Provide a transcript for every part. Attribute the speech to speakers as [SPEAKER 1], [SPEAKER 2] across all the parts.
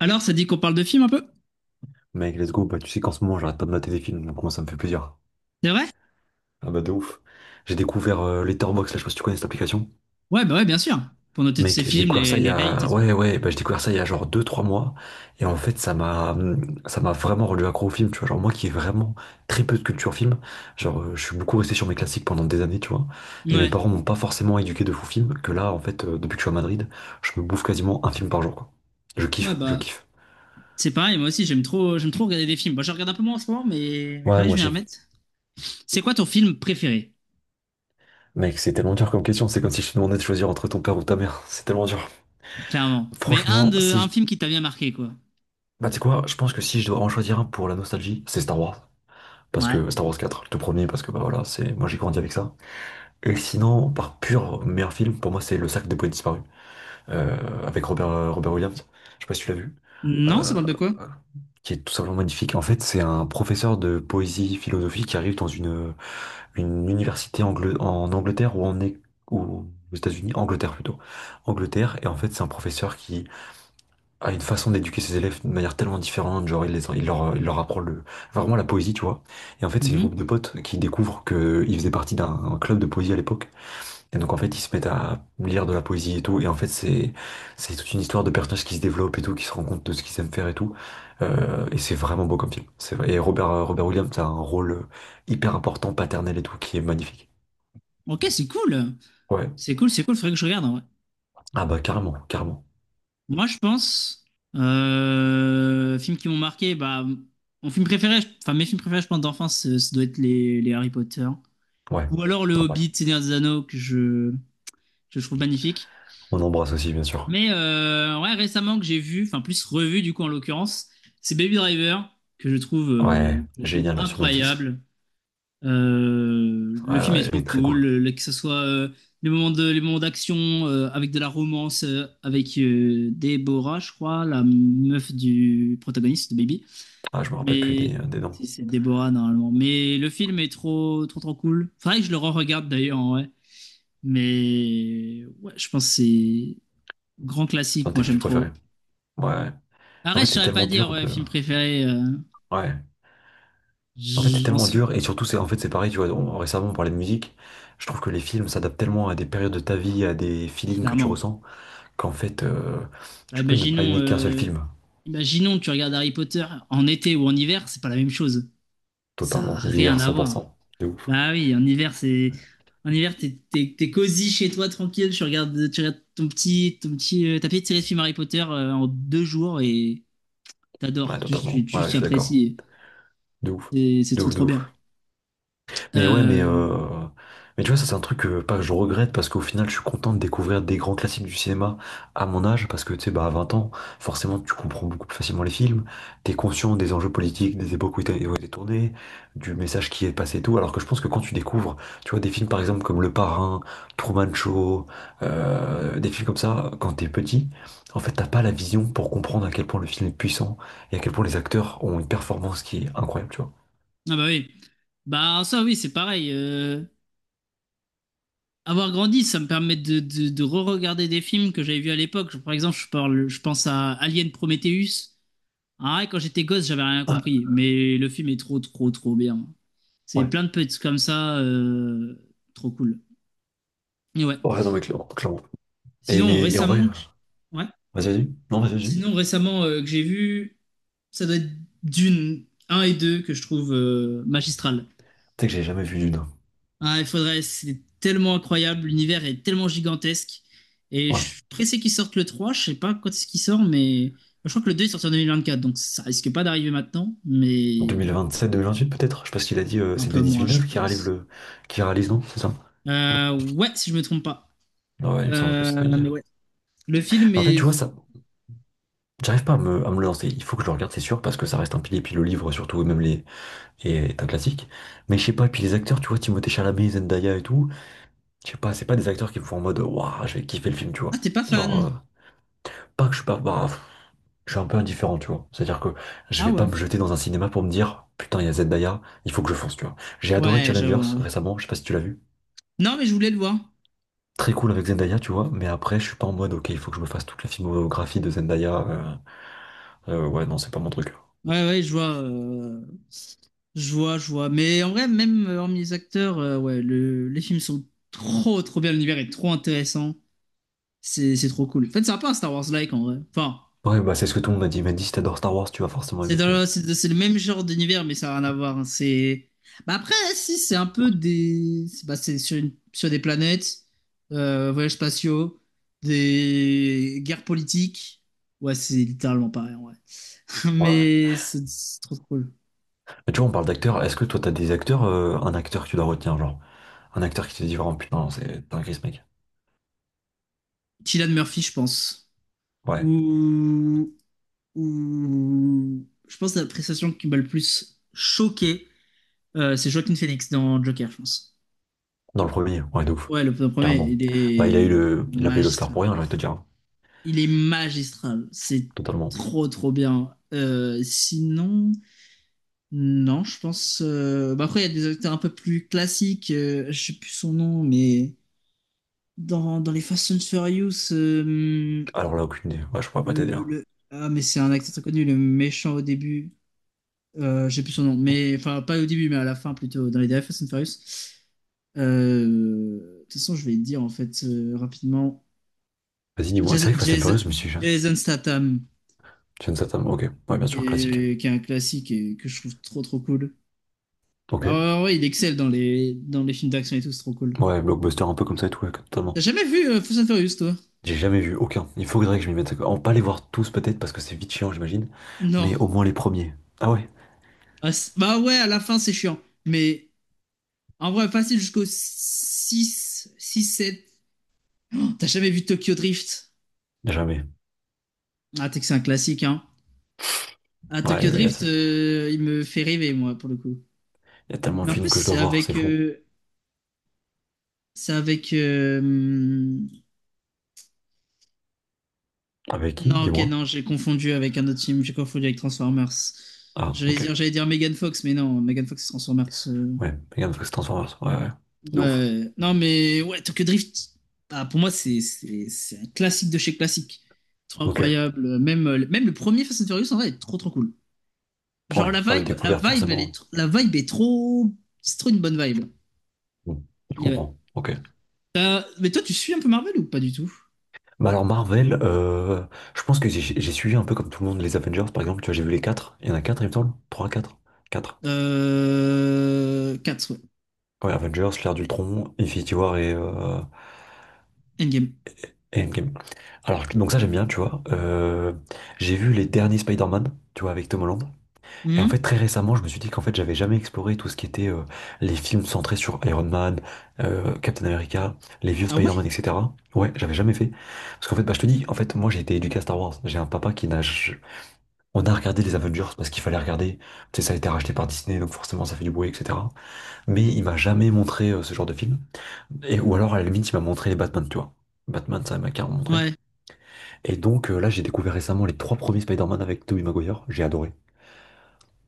[SPEAKER 1] Alors, ça dit qu'on parle de films un peu?
[SPEAKER 2] Mec, let's go. Bah, tu sais qu'en ce moment, j'arrête pas de mater des films, donc moi, ça me fait plaisir.
[SPEAKER 1] C'est vrai?
[SPEAKER 2] Ah bah, de ouf. J'ai découvert Letterboxd, là, je sais pas si tu connais cette application.
[SPEAKER 1] Ouais, bah ouais, bien sûr. Pour noter tous
[SPEAKER 2] Mec,
[SPEAKER 1] ces
[SPEAKER 2] j'ai
[SPEAKER 1] films,
[SPEAKER 2] découvert ça
[SPEAKER 1] les,
[SPEAKER 2] il y
[SPEAKER 1] les rates et
[SPEAKER 2] a.
[SPEAKER 1] tout.
[SPEAKER 2] Ouais, ouais, bah, j'ai découvert ça il y a genre deux, trois mois. Et en fait, ça m'a vraiment rendu accro au film, tu vois. Genre, moi qui ai vraiment très peu de culture film, genre, je suis beaucoup resté sur mes classiques pendant des années, tu vois. Et mes
[SPEAKER 1] Ouais,
[SPEAKER 2] parents m'ont pas forcément éduqué de fou film, que là, en fait, depuis que je suis à Madrid, je me bouffe quasiment un film par jour, quoi. Je
[SPEAKER 1] ouais,
[SPEAKER 2] kiffe, je
[SPEAKER 1] bah.
[SPEAKER 2] kiffe.
[SPEAKER 1] C'est pareil, moi aussi, j'aime trop regarder des films. Bon, je regarde un peu moins en ce moment, mais
[SPEAKER 2] Ouais,
[SPEAKER 1] faudrait que
[SPEAKER 2] moi
[SPEAKER 1] je m'y
[SPEAKER 2] aussi.
[SPEAKER 1] remette. C'est quoi ton film préféré?
[SPEAKER 2] Mec, c'est tellement dur comme question. C'est comme si je te demandais de choisir entre ton père ou ta mère. C'est tellement dur.
[SPEAKER 1] Clairement. Mais
[SPEAKER 2] Franchement, si.
[SPEAKER 1] un film qui t'a bien marqué, quoi.
[SPEAKER 2] Bah, tu sais quoi, je pense que si je dois en choisir un pour la nostalgie, c'est Star Wars. Parce
[SPEAKER 1] Ouais.
[SPEAKER 2] que Star Wars quatre, le tout premier, parce que bah voilà, c'est moi j'ai grandi avec ça. Et sinon, par pur meilleur film, pour moi c'est Le Cercle des Poètes Disparus, avec Robert Williams. Je sais pas si tu l'as vu.
[SPEAKER 1] Non, ça
[SPEAKER 2] Euh,
[SPEAKER 1] parle de quoi?
[SPEAKER 2] qui est tout simplement magnifique. En fait, c'est un professeur de poésie philosophique qui arrive dans une université en Angleterre ou en ou aux États-Unis, Angleterre plutôt. Angleterre, et en fait, c'est un professeur qui a une façon d'éduquer ses élèves d'une manière tellement différente, genre il leur apprend enfin, vraiment la poésie, tu vois. Et en fait, c'est une groupe
[SPEAKER 1] Mhm.
[SPEAKER 2] de potes qui découvrent qu'ils faisaient partie d'un club de poésie à l'époque. Et donc, en fait, ils se mettent à lire de la poésie et tout. Et en fait, c'est toute une histoire de personnages qui se développent et tout, qui se rendent compte de ce qu'ils aiment faire et tout. Et c'est vraiment beau comme film. C'est vrai. Et Robert Williams a un rôle hyper important, paternel et tout, qui est magnifique.
[SPEAKER 1] Ok, c'est cool.
[SPEAKER 2] Ouais.
[SPEAKER 1] C'est cool, c'est cool, faudrait que je regarde, en vrai.
[SPEAKER 2] Ah bah carrément, carrément.
[SPEAKER 1] Moi, je pense, films qui m'ont marqué, bah, mon film préféré, enfin, mes films préférés, je pense, d'enfance, ce doit être les Harry Potter.
[SPEAKER 2] Ouais.
[SPEAKER 1] Ou alors le
[SPEAKER 2] Ah, voilà.
[SPEAKER 1] Hobbit, Seigneur des Anneaux, que je trouve magnifique.
[SPEAKER 2] On embrasse aussi, bien sûr.
[SPEAKER 1] Mais ouais, récemment que j'ai vu, enfin plus revu du coup en l'occurrence, c'est Baby Driver, que je trouve, euh,
[SPEAKER 2] Ouais,
[SPEAKER 1] que je trouve
[SPEAKER 2] génial là sur Netflix.
[SPEAKER 1] incroyable.
[SPEAKER 2] Ouais,
[SPEAKER 1] Le film
[SPEAKER 2] ouais,
[SPEAKER 1] est trop
[SPEAKER 2] j'avais très
[SPEAKER 1] cool,
[SPEAKER 2] cool.
[SPEAKER 1] que ce soit les les moments d'action avec de la romance, avec Deborah, je crois, la meuf du protagoniste de Baby.
[SPEAKER 2] Ah, je me rappelle plus
[SPEAKER 1] Mais
[SPEAKER 2] des noms.
[SPEAKER 1] si, c'est Deborah normalement. Mais le
[SPEAKER 2] C'est
[SPEAKER 1] film est trop, trop, trop cool. Faudrait que je le re-regarde d'ailleurs, ouais. Mais ouais, je pense que c'est grand
[SPEAKER 2] un
[SPEAKER 1] classique.
[SPEAKER 2] de tes
[SPEAKER 1] Moi,
[SPEAKER 2] films
[SPEAKER 1] j'aime trop.
[SPEAKER 2] préférés. Ouais. En
[SPEAKER 1] Après,
[SPEAKER 2] fait,
[SPEAKER 1] je
[SPEAKER 2] c'est
[SPEAKER 1] saurais pas
[SPEAKER 2] tellement
[SPEAKER 1] dire
[SPEAKER 2] dur
[SPEAKER 1] ouais,
[SPEAKER 2] de.
[SPEAKER 1] film préféré.
[SPEAKER 2] Ouais. En fait, c'est
[SPEAKER 1] J'en
[SPEAKER 2] tellement
[SPEAKER 1] sou-
[SPEAKER 2] dur. Et surtout, c'est en fait, c'est pareil, tu vois. Récemment, on parlait de musique. Je trouve que les films s'adaptent tellement à des périodes de ta vie, à des feelings que tu
[SPEAKER 1] Clairement.
[SPEAKER 2] ressens, qu'en fait,
[SPEAKER 1] Bah,
[SPEAKER 2] tu peux ne pas
[SPEAKER 1] imaginons,
[SPEAKER 2] aimer qu'un seul
[SPEAKER 1] euh,
[SPEAKER 2] film.
[SPEAKER 1] imaginons que tu regardes Harry Potter en été ou en hiver, c'est pas la même chose. Ça a
[SPEAKER 2] Totalement.
[SPEAKER 1] rien
[SPEAKER 2] L'hiver,
[SPEAKER 1] à voir.
[SPEAKER 2] 100%. De ouf.
[SPEAKER 1] Bah oui, en hiver, t'es cosy chez toi, tranquille. Tu regardes ton petit tapis de série de films Harry Potter en 2 jours et
[SPEAKER 2] Ouais,
[SPEAKER 1] t'adores. Juste, tu,
[SPEAKER 2] totalement. Ouais, je
[SPEAKER 1] tu
[SPEAKER 2] suis d'accord.
[SPEAKER 1] apprécies.
[SPEAKER 2] De ouf.
[SPEAKER 1] C'est
[SPEAKER 2] De
[SPEAKER 1] trop
[SPEAKER 2] ouf, de
[SPEAKER 1] trop bien.
[SPEAKER 2] ouf. Mais ouais, mais, euh,
[SPEAKER 1] Euh,
[SPEAKER 2] mais tu vois, ça c'est un truc que, pas que je regrette parce qu'au final je suis content de découvrir des grands classiques du cinéma à mon âge parce que tu sais, bah, à 20 ans, forcément tu comprends beaucoup plus facilement les films, t'es conscient des enjeux politiques, des époques où ils ont été tournés, du message qui est passé et tout. Alors que je pense que quand tu découvres, tu vois, des films par exemple comme Le Parrain, Truman Show, des films comme ça, quand t'es petit, en fait t'as pas la vision pour comprendre à quel point le film est puissant et à quel point les acteurs ont une performance qui est incroyable, tu vois.
[SPEAKER 1] Ah bah oui. Bah ça oui, c'est pareil. Avoir grandi, ça me permet de, re-regarder des films que j'avais vus à l'époque. Par exemple, je pense à Alien Prometheus. Ah, ouais, quand j'étais gosse, j'avais rien
[SPEAKER 2] Ah,
[SPEAKER 1] compris, mais le film est trop, trop, trop bien. C'est
[SPEAKER 2] ouais.
[SPEAKER 1] plein de petits comme ça, trop cool. Et ouais.
[SPEAKER 2] Ouais, non, mais clairement. Clairement. Et,
[SPEAKER 1] Sinon,
[SPEAKER 2] mais, et en vrai,
[SPEAKER 1] récemment, ouais.
[SPEAKER 2] vas-y, vas-y. Non, vas-y, vas-y. Tu
[SPEAKER 1] Sinon, récemment que j'ai vu, ça doit être Dune un et 2 que je trouve magistral.
[SPEAKER 2] sais que j'ai jamais vu Dune, hein.
[SPEAKER 1] Ah, il faudrait, c'est tellement incroyable, l'univers est tellement gigantesque. Et je
[SPEAKER 2] Ouais.
[SPEAKER 1] suis pressé qu'ils sortent le 3. Je sais pas quand est-ce qu'il sort, mais je crois que le 2 est sorti en 2024, donc ça risque pas d'arriver maintenant,
[SPEAKER 2] En deux
[SPEAKER 1] mais
[SPEAKER 2] mille vingt-sept, 2027, 28 peut-être. Je sais pas ce qu'il a dit,
[SPEAKER 1] un
[SPEAKER 2] c'est
[SPEAKER 1] peu
[SPEAKER 2] Denis
[SPEAKER 1] moins, je
[SPEAKER 2] Villeneuve qui réalise
[SPEAKER 1] pense.
[SPEAKER 2] le. Qui réalise, non? C'est ça?
[SPEAKER 1] Ouais, si je me trompe pas.
[SPEAKER 2] Ah ouais, il me semble que c'est Denis.
[SPEAKER 1] Mais ouais. Le film
[SPEAKER 2] Mais en fait, tu vois,
[SPEAKER 1] est...
[SPEAKER 2] ça, j'arrive pas à me le lancer. Il faut que je le regarde, c'est sûr, parce que ça reste un pilier, puis le livre surtout, et même les. Et est un classique. Mais je sais pas, et puis les acteurs, tu vois, Timothée Chalamet, Zendaya et tout, je sais pas, c'est pas des acteurs qui me font en mode, waouh, je vais kiffer le film, tu
[SPEAKER 1] Ah,
[SPEAKER 2] vois.
[SPEAKER 1] t'es pas
[SPEAKER 2] Genre.
[SPEAKER 1] fan?
[SPEAKER 2] Pas que je suis pas. Bah, pff, je suis un peu indifférent, tu vois. C'est-à-dire que je
[SPEAKER 1] Ah
[SPEAKER 2] vais pas
[SPEAKER 1] ouais.
[SPEAKER 2] me jeter dans un cinéma pour me dire, putain, il y a Zendaya, il faut que je fonce, tu vois. J'ai adoré
[SPEAKER 1] Ouais, j'avoue,
[SPEAKER 2] Challengers
[SPEAKER 1] en vrai.
[SPEAKER 2] récemment, je sais pas si tu l'as vu.
[SPEAKER 1] Non, mais je voulais le voir.
[SPEAKER 2] Très cool avec Zendaya, tu vois, mais après, je suis pas en mode, ok, il faut que je me fasse toute la filmographie de Zendaya. Ouais, non, c'est pas mon truc.
[SPEAKER 1] Ouais, ouais, je vois. Je vois. Mais en vrai, même hormis les acteurs, ouais, les films sont trop, trop bien. L'univers est trop intéressant. C'est trop cool. En fait, c'est un peu un Star Wars-like en vrai. Enfin,
[SPEAKER 2] Ouais, bah c'est ce que tout le monde m'a dit. Il m'a dit, si t'adores Star Wars, tu vas forcément aimer, tu
[SPEAKER 1] c'est le même genre d'univers, mais ça n'a rien à voir, hein. C'est. Bah après, si, c'est un peu des. Bah, c'est sur, sur des planètes, voyages spatiaux, des guerres politiques. Ouais, c'est littéralement pareil en vrai.
[SPEAKER 2] Ouais, ouais.
[SPEAKER 1] Mais c'est trop cool.
[SPEAKER 2] Mais tu vois, on parle d'acteurs. Est-ce que toi, t'as des acteurs, un acteur que tu dois retenir, genre? Un acteur qui te dit vraiment, putain, c'est t'es un gris, mec.
[SPEAKER 1] Cillian Murphy, je pense.
[SPEAKER 2] Ouais.
[SPEAKER 1] Ou. Ou. Je pense que la prestation qui m'a le plus choqué, c'est Joaquin Phoenix dans Joker, je pense.
[SPEAKER 2] Dans le premier, ouais, de ouf.
[SPEAKER 1] Ouais, le premier,
[SPEAKER 2] Carrément.
[SPEAKER 1] il
[SPEAKER 2] Bah, il a
[SPEAKER 1] est
[SPEAKER 2] eu il a payé l'Oscar
[SPEAKER 1] magistral.
[SPEAKER 2] pour rien, j'ai envie de te dire, hein.
[SPEAKER 1] Il est magistral. C'est
[SPEAKER 2] Totalement.
[SPEAKER 1] trop, trop bien. Sinon, non, je pense. Bah après, il y a des acteurs un peu plus classiques. Je sais plus son nom, mais dans les Fast and Furious,
[SPEAKER 2] Alors là, aucune idée. Ouais, je pourrais pas t'aider là.
[SPEAKER 1] ah, mais c'est un acteur très connu, le méchant au début. Je sais plus son nom, mais enfin, pas au début, mais à la fin plutôt, dans les derniers Fast and Furious. Euh, de toute façon, je vais dire en fait rapidement.
[SPEAKER 2] Vas-y, dis-moi. C'est
[SPEAKER 1] Jason,
[SPEAKER 2] vrai que Fast and Furious, je me suis.
[SPEAKER 1] Jason- Jason Statham,
[SPEAKER 2] Jason Statham, ok. Ouais, bien
[SPEAKER 1] qui
[SPEAKER 2] sûr, classique.
[SPEAKER 1] est, qui est un classique et que je trouve trop trop cool. Bah
[SPEAKER 2] Ok.
[SPEAKER 1] ouais, ouais, ouais, il excelle dans les films d'action et tout, c'est trop cool.
[SPEAKER 2] Ouais, blockbuster un peu comme ça et tout, ouais, totalement.
[SPEAKER 1] T'as jamais vu Fast and Furious, toi?
[SPEAKER 2] J'ai jamais vu aucun. Il faudrait que je m'y mette. On pas les voir tous peut-être parce que c'est vite chiant, j'imagine.
[SPEAKER 1] Non.
[SPEAKER 2] Mais au moins les premiers. Ah ouais,
[SPEAKER 1] Ah, bah ouais, à la fin, c'est chiant. Mais en vrai, facile jusqu'au six 7. T'as jamais vu Tokyo Drift?
[SPEAKER 2] jamais.
[SPEAKER 1] Ah, t'es que c'est un classique, hein. Ah,
[SPEAKER 2] Ouais, il
[SPEAKER 1] Tokyo
[SPEAKER 2] y a, il
[SPEAKER 1] Drift, il me fait rêver, moi, pour le coup.
[SPEAKER 2] y a tellement
[SPEAKER 1] Mais
[SPEAKER 2] de
[SPEAKER 1] en
[SPEAKER 2] films
[SPEAKER 1] plus,
[SPEAKER 2] que je dois voir, c'est fou.
[SPEAKER 1] c'est avec... euh,
[SPEAKER 2] Avec qui?
[SPEAKER 1] Non, ok,
[SPEAKER 2] Dis-moi.
[SPEAKER 1] non, j'ai confondu avec un autre film, j'ai confondu avec Transformers.
[SPEAKER 2] Ah,
[SPEAKER 1] J'allais
[SPEAKER 2] ok.
[SPEAKER 1] dire, j'allais dire Megan Fox, mais non, Megan Fox c'est Transformers.
[SPEAKER 2] Ouais, regarde, parce que c'est Transformers. Ouais, ouais. De ouf.
[SPEAKER 1] Ouais. Non, mais ouais, Tokyo Drift, ah, pour moi, c'est un classique de chez classique. Trop
[SPEAKER 2] Ok.
[SPEAKER 1] incroyable. Même le premier Fast and Furious, en vrai, est trop trop cool. Genre,
[SPEAKER 2] Ouais, pas une découverte forcément.
[SPEAKER 1] la vibe est trop. C'est trop une bonne vibe.
[SPEAKER 2] Mm. Je
[SPEAKER 1] Et ouais.
[SPEAKER 2] comprends. Ok.
[SPEAKER 1] Mais toi, tu suis un peu Marvel ou pas du tout?
[SPEAKER 2] Bah alors Marvel, je pense que j'ai suivi un peu comme tout le monde les Avengers par exemple. Tu vois, j'ai vu les quatre. Il y en a 4 il me semble. 3, quatre. 4.
[SPEAKER 1] 4, ouais.
[SPEAKER 2] Ouais, Avengers, l'ère d'Ultron, Infinity War et, euh,
[SPEAKER 1] Endgame.
[SPEAKER 2] et Endgame. Alors, donc ça j'aime bien, tu vois. J'ai vu les derniers Spider-Man, tu vois, avec Tom Holland. Et en fait,
[SPEAKER 1] Hmm.
[SPEAKER 2] très récemment, je me suis dit qu'en fait, j'avais jamais exploré tout ce qui était les films centrés sur Iron Man, Captain America, les vieux
[SPEAKER 1] Ah ouais?
[SPEAKER 2] Spider-Man, etc. Ouais, j'avais jamais fait. Parce qu'en fait, bah, je te dis, en fait, moi, j'ai été éduqué à Star Wars. J'ai un papa qui n'a. On a regardé les Avengers parce qu'il fallait regarder. Tu sais, ça a été racheté par Disney, donc forcément, ça fait du bruit, etc. Mais il m'a jamais montré ce genre de film. Et, ou alors, à la limite, il m'a montré les Batman, tu vois. Batman, ça il m'a carrément montré.
[SPEAKER 1] Ouais,
[SPEAKER 2] Et donc, là, j'ai découvert récemment les trois premiers Spider-Man avec Tobey Maguire. J'ai adoré.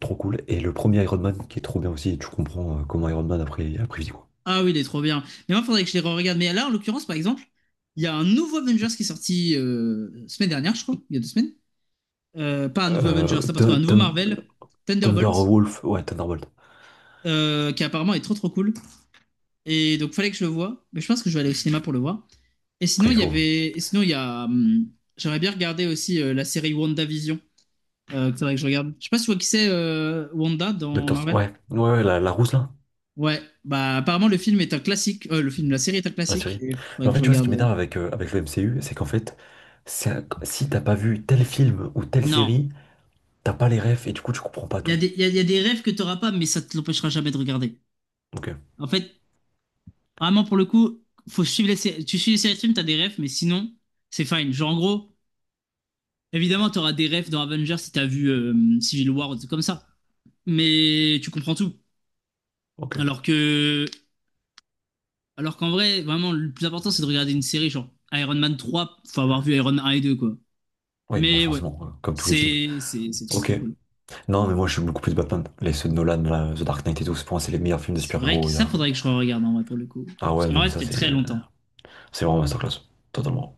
[SPEAKER 2] Trop cool. Et le premier Iron Man qui est trop bien aussi, tu comprends comment Iron Man a pris vie, quoi.
[SPEAKER 1] Ah oui, il est trop bien. Mais moi, il faudrait que je les re-regarde. Mais là, en l'occurrence, par exemple, il y a un nouveau Avengers qui est sorti semaine dernière, je crois, il y a 2 semaines. Pas un nouveau Avengers,
[SPEAKER 2] Euh,
[SPEAKER 1] n'importe quoi, un
[SPEAKER 2] Thun-
[SPEAKER 1] nouveau
[SPEAKER 2] Thun-
[SPEAKER 1] Marvel, Thunderbolt,
[SPEAKER 2] Thunderwolf, ouais, Thunderbolt.
[SPEAKER 1] qui apparemment est trop trop cool. Et donc, fallait que je le voie. Mais je pense que je vais aller au cinéma pour le voir. Et
[SPEAKER 2] Après,
[SPEAKER 1] sinon,
[SPEAKER 2] il
[SPEAKER 1] il y
[SPEAKER 2] faut.
[SPEAKER 1] avait. Et sinon, il y a. J'aimerais bien regarder aussi la série WandaVision. Que faudrait que je regarde. Je sais pas si tu vois qui c'est Wanda dans Marvel.
[SPEAKER 2] Ouais, ouais, ouais, la rousse là,
[SPEAKER 1] Ouais, bah apparemment le film est un classique. La série est un
[SPEAKER 2] la
[SPEAKER 1] classique.
[SPEAKER 2] série.
[SPEAKER 1] Et faudrait
[SPEAKER 2] Mais en
[SPEAKER 1] que
[SPEAKER 2] fait,
[SPEAKER 1] je
[SPEAKER 2] tu vois, ce
[SPEAKER 1] regarde.
[SPEAKER 2] qui
[SPEAKER 1] euh.
[SPEAKER 2] m'énerve avec le MCU, c'est qu'en fait, si t'as pas vu tel film ou telle
[SPEAKER 1] Non,
[SPEAKER 2] série, t'as pas les refs et du coup, tu comprends pas tout.
[SPEAKER 1] Il y a des rêves que tu n'auras pas, mais ça te l'empêchera jamais de regarder.
[SPEAKER 2] Ok,
[SPEAKER 1] En fait, vraiment, pour le coup, faut suivre tu suis les séries de films, tu as des rêves, mais sinon, c'est fine. Genre, en gros, évidemment, tu auras des rêves dans Avengers si tu as vu Civil War ou des trucs comme ça. Mais tu comprends tout.
[SPEAKER 2] ok.
[SPEAKER 1] Alors que, alors qu'en vrai, vraiment, le plus important, c'est de regarder une série, genre Iron Man 3, faut avoir vu Iron Man 1 et 2, quoi.
[SPEAKER 2] Oui, bah
[SPEAKER 1] Mais ouais,
[SPEAKER 2] forcément, comme tous les films.
[SPEAKER 1] c'est trop,
[SPEAKER 2] Ok.
[SPEAKER 1] trop cool.
[SPEAKER 2] Non, mais moi, je suis beaucoup plus Batman. Les ceux de Nolan, là, The Dark Knight et tout, c'est pour moi, c'est les meilleurs films de
[SPEAKER 1] C'est vrai que
[SPEAKER 2] super-héros.
[SPEAKER 1] ça, faudrait que je re-regarde, en vrai, pour le coup.
[SPEAKER 2] Ah
[SPEAKER 1] Parce
[SPEAKER 2] ouais,
[SPEAKER 1] qu'en
[SPEAKER 2] non,
[SPEAKER 1] vrai,
[SPEAKER 2] mais
[SPEAKER 1] ça
[SPEAKER 2] ça,
[SPEAKER 1] fait
[SPEAKER 2] c'est.
[SPEAKER 1] très longtemps.
[SPEAKER 2] C'est vraiment masterclass, totalement.